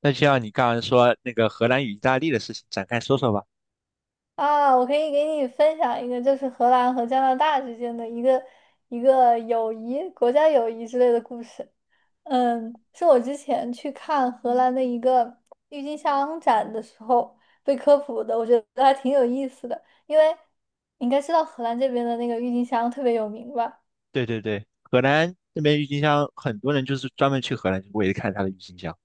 那就像你刚刚说那个荷兰与意大利的事情，展开说说吧。啊，我可以给你分享一个，就是荷兰和加拿大之间的一个友谊、国家友谊之类的故事。是我之前去看荷兰的一个郁金香展的时候被科普的，我觉得还挺有意思的。因为你应该知道荷兰这边的那个郁金香特别有名吧？对对对，荷兰那边郁金香，很多人就是专门去荷兰为了看它的郁金香。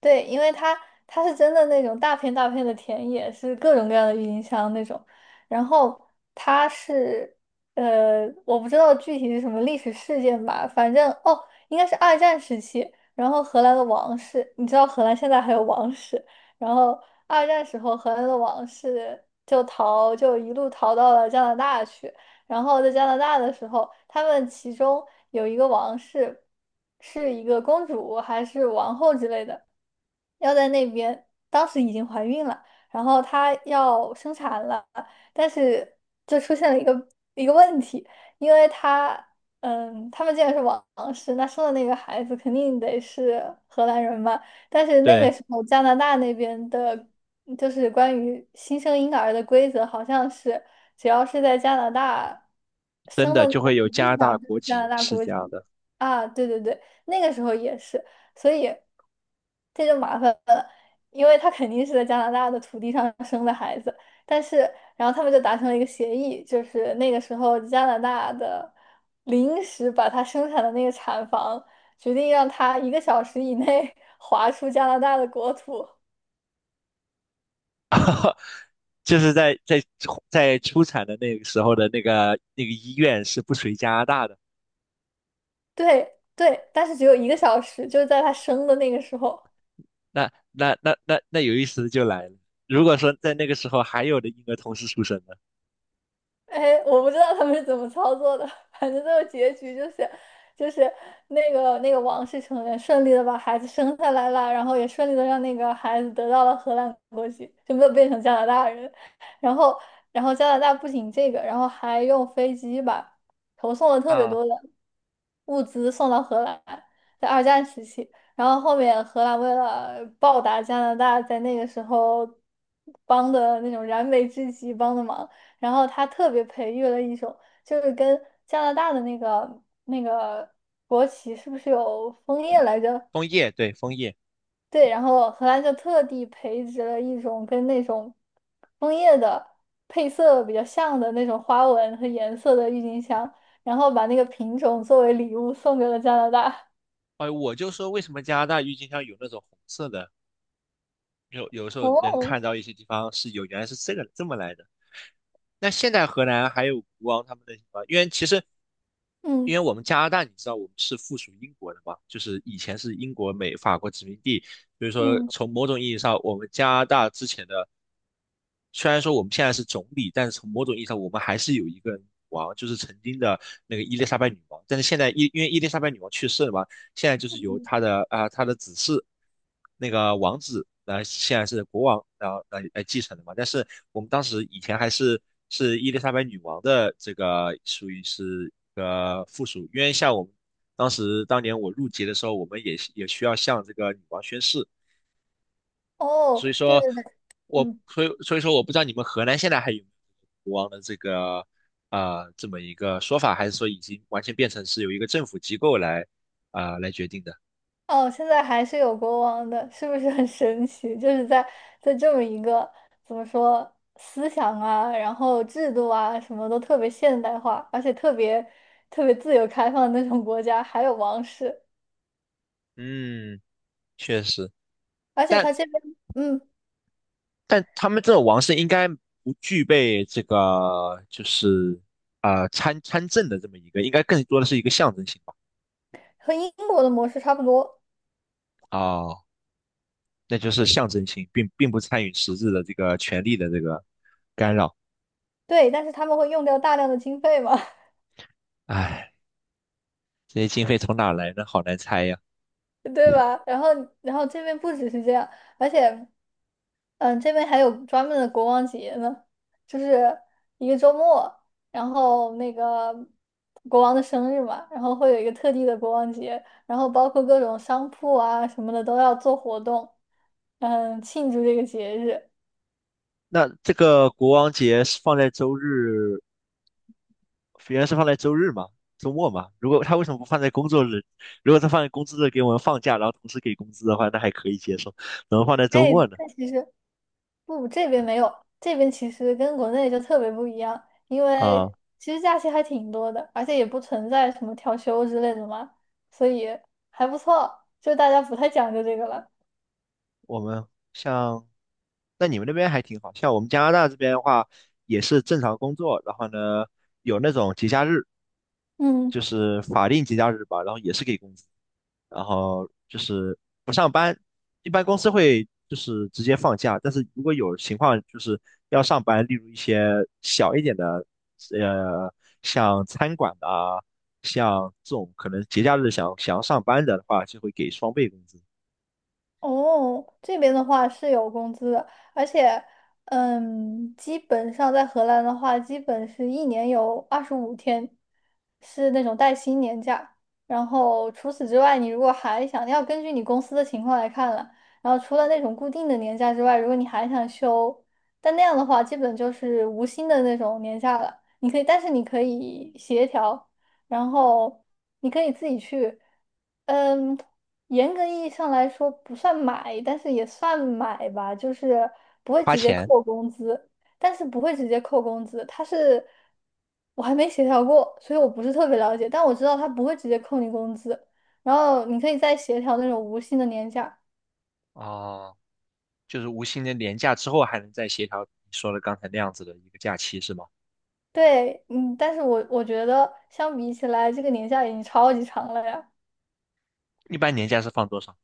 对，因为它它是真的那种大片大片的田野，是各种各样的郁金香那种。然后它是我不知道具体是什么历史事件吧，反正哦，应该是二战时期。然后荷兰的王室，你知道荷兰现在还有王室。然后二战时候，荷兰的王室就逃，就一路逃到了加拿大去。然后在加拿大的时候，他们其中有一个王室是一个公主还是王后之类的。要在那边，当时已经怀孕了，然后她要生产了，但是就出现了一个问题，因为她，他们既然是王室，那生的那个孩子肯定得是荷兰人嘛，但是那个对，时候加拿大那边的，就是关于新生婴儿的规则，好像是只要是在加拿大真生的的那就个会有土加地拿大上，就是国加拿籍，大是国这籍样的。的。啊，对对对。那个时候也是，所以这就麻烦了，因为他肯定是在加拿大的土地上生的孩子，但是然后他们就达成了一个协议，就是那个时候加拿大的临时把他生产的那个产房决定让他一个小时以内 划出加拿大的国土。就是在出产的那个时候的那个医院是不属于加拿大的。对对，但是只有一个小时，就是在他生的那个时候。那有意思的就来了，如果说在那个时候还有的婴儿同时出生的哎，我不知道他们是怎么操作的，反正最后结局就是，就是那个王室成员顺利的把孩子生下来了，然后也顺利的让那个孩子得到了荷兰国籍，就没有变成加拿大人。然后，然后加拿大不仅这个，然后还用飞机把投送了特别啊，多的。物资送到荷兰，在二战时期。然后后面荷兰为了报答加拿大在那个时候帮的那种燃眉之急帮的忙，然后他特别培育了一种，就是跟加拿大的那个国旗是不是有枫叶来着？枫叶，对，枫叶。对，然后荷兰就特地培植了一种跟那种枫叶的配色比较像的那种花纹和颜色的郁金香，然后把那个品种作为礼物送给了加拿大。哎，我就说为什么加拿大郁金香有那种红色的有时 候哦，能看到一些地方是有原来是这个这么来的。那现在荷兰还有国王他们那些地方，因为嗯我们加拿大，你知道我们是附属英国的嘛，就是以前是英国、美、法国殖民地，所以说嗯从某种意义上，我们加拿大之前的虽然说我们现在是总理，但是从某种意义上，我们还是有一个女王，就是曾经的那个伊丽莎白女王。但是现在因为伊丽莎白女王去世了嘛，现在就是由嗯，他的子嗣那个王子，现在是国王，然后来继承的嘛。但是我们当时以前还是伊丽莎白女王的这个属于是一个附属，因为像我们当年我入籍的时候，我们也需要向这个女王宣誓，哦，所以对说对对，嗯。我不知道你们荷兰现在还有没有国王的这么一个说法，还是说已经完全变成是由一个政府机构来决定的？哦，现在还是有国王的，是不是很神奇？就是在这么一个怎么说思想啊，然后制度啊，什么都特别现代化，而且特别特别自由开放的那种国家，还有王室，嗯。确实，而且但他这边嗯但他们这种王室应该不具备这个就是参政的这么一个，应该更多的是一个象征性吧。和英国的模式差不多。哦，那就是象征性，并不参与实质的这个权力的这个干扰。对，但是他们会用掉大量的经费嘛。唉，这些经费从哪来呢？好难猜呀。对吧？然后然后这边不只是这样，而且。这边还有专门的国王节呢，就是一个周末，然后那个国王的生日嘛，然后会有一个特地的国王节，然后包括各种商铺啊什么的都要做活动，庆祝这个节日。那这个国王节是放在周日，原来是放在周日嘛？周末嘛？如果他为什么不放在工作日？如果他放在工作日给我们放假，然后同时给工资的话，那还可以接受，怎么放在周哎，末呢？但其实不，这边没有，这边其实跟国内就特别不一样，因为啊，其实假期还挺多的，而且也不存在什么调休之类的嘛，所以还不错，就大家不太讲究这个了。我们像，那你们那边还挺好，像我们加拿大这边的话，也是正常工作，然后呢，有那种节假日，就嗯。是法定节假日吧，然后也是给工资，然后就是不上班，一般公司会就是直接放假，但是如果有情况就是要上班，例如一些小一点的，呃，像餐馆的啊，像这种可能节假日想要上班的话，就会给双倍工资，哦，这边的话是有工资的，而且，基本上在荷兰的话，基本是一年有二十五天是那种带薪年假，然后除此之外，你如果还想要根据你公司的情况来看了，然后除了那种固定的年假之外，如果你还想休，但那样的话，基本就是无薪的那种年假了。你可以，但是你可以协调，然后你可以自己去。嗯，严格意义上来说不算买，但是也算买吧，就是不会花直接钱。扣工资，但是不会直接扣工资，它是我还没协调过，所以我不是特别了解，但我知道他不会直接扣你工资，然后你可以再协调那种无薪的年假。哦。就是无薪的年假之后还能再协调你说的刚才那样子的一个假期是吗？对，但是我觉得相比起来，这个年假已经超级长了呀，一般年假是放多少？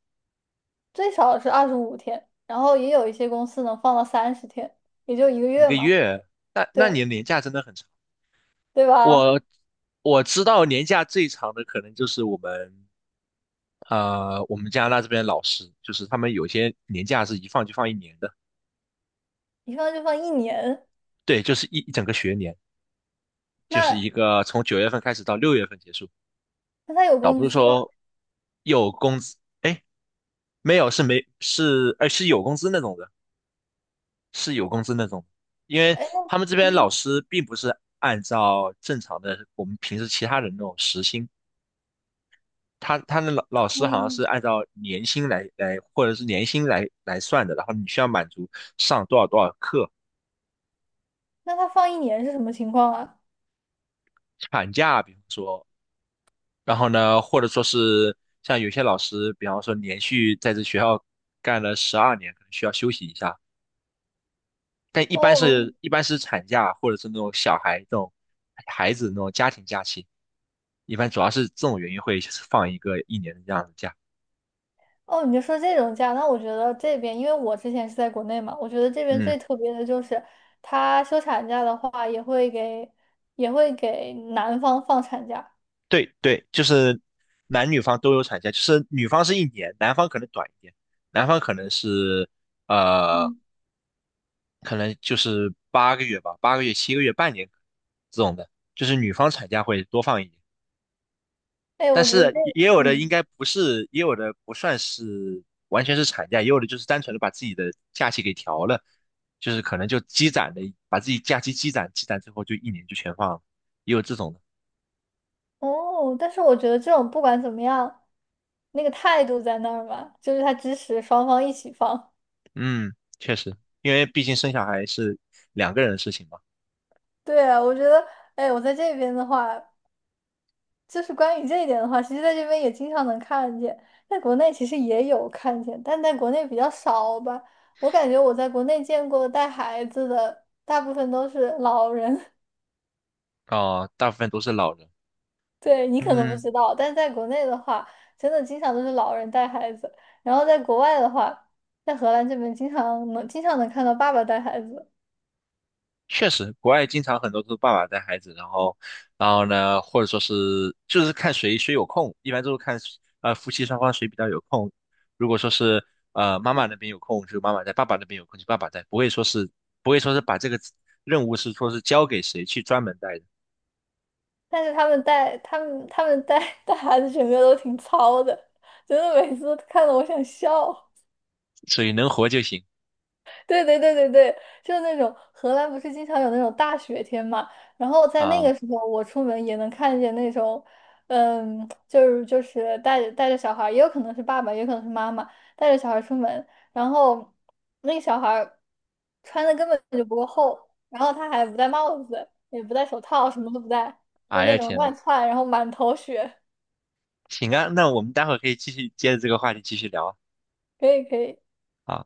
最少是二十五天，然后也有一些公司能放到30天，也就一个一月个嘛，月？那你对的年假真的很长。对吧？我我知道年假最长的可能就是我们加拿大这边的老师，就是他们有些年假是一放就放一年的，一放就放一年。对，就是一整个学年，就是那一个从9月份开始到6月份结束，那他有倒工不是资吗？说有工资，哎，没有是没是，呃是有工资那种的。是有工资那种，因为哎，那他们这边老嗯师并不是按照正常的我们平时其他人那种时薪，他的老师好像是嗯，按照年薪来或者是年薪来算的，然后你需要满足上多少多少课，那他放一年是什么情况啊？产假比方说，然后呢或者说是像有些老师，比方说连续在这学校干了12年，可能需要休息一下，但一般哦是一般是产假或者是那种小孩这种孩子那种家庭假期，一般主要是这种原因会放一个一年的这样的假。哦，你就说这种假，那我觉得这边，因为我之前是在国内嘛，我觉得这边嗯，最特别的就是，他休产假的话也会给也会给男方放产假。对对，就是男女方都有产假，就是女方是一年，男方可能短一点，男方可能呃，嗯，就是八个月吧，八个月、7个月、半年这种的，就是女方产假会多放一年。哎，但我觉得这是也有个，的应该不是，也有的不算是完全是产假，也有的就是单纯的把自己的假期给调了，就是可能就积攒的，把自己假期积攒积攒之后，就一年就全放了，也有这种的。哦，但是我觉得这种不管怎么样，那个态度在那儿吧，就是他支持双方一起放。嗯，确实，因为毕竟生小孩是两个人的事情嘛，对啊，我觉得，哎，我在这边的话。就是关于这一点的话，其实在这边也经常能看见，在国内其实也有看见，但在国内比较少吧。我感觉我在国内见过带孩子的，大部分都是老人。哦，大部分都是老人。对，你可能不嗯。知道，但在国内的话，真的经常都是老人带孩子。然后在国外的话，在荷兰这边经常能看到爸爸带孩子，确实，国外经常很多都是爸爸带孩子，然后呢，或者说是就是看谁谁有空，一般都是看夫妻双方谁比较有空。如果说是妈妈那边有空，就妈妈带；爸爸那边有空，就爸爸带，不会说是把这个任务是说是交给谁去专门带的，但是他们带他们带 带孩子，整个都挺糙的，真的每次都看得我想笑。所以能活就行 对对对对对，就是那种荷兰不是经常有那种大雪天嘛，然后在那啊！个时候我出门也能看见那种，就是带着带着小孩儿也有可能是爸爸，也有可能是妈妈带着小孩儿出门，然后那个小孩儿穿的根本就不够厚，然后他还不戴帽子，也不戴手套，什么都不戴，就哎那呀种天呐，乱窜，然后满头雪，行啊，那我们待会儿可以继续接着这个话题继续聊啊。可以可以。好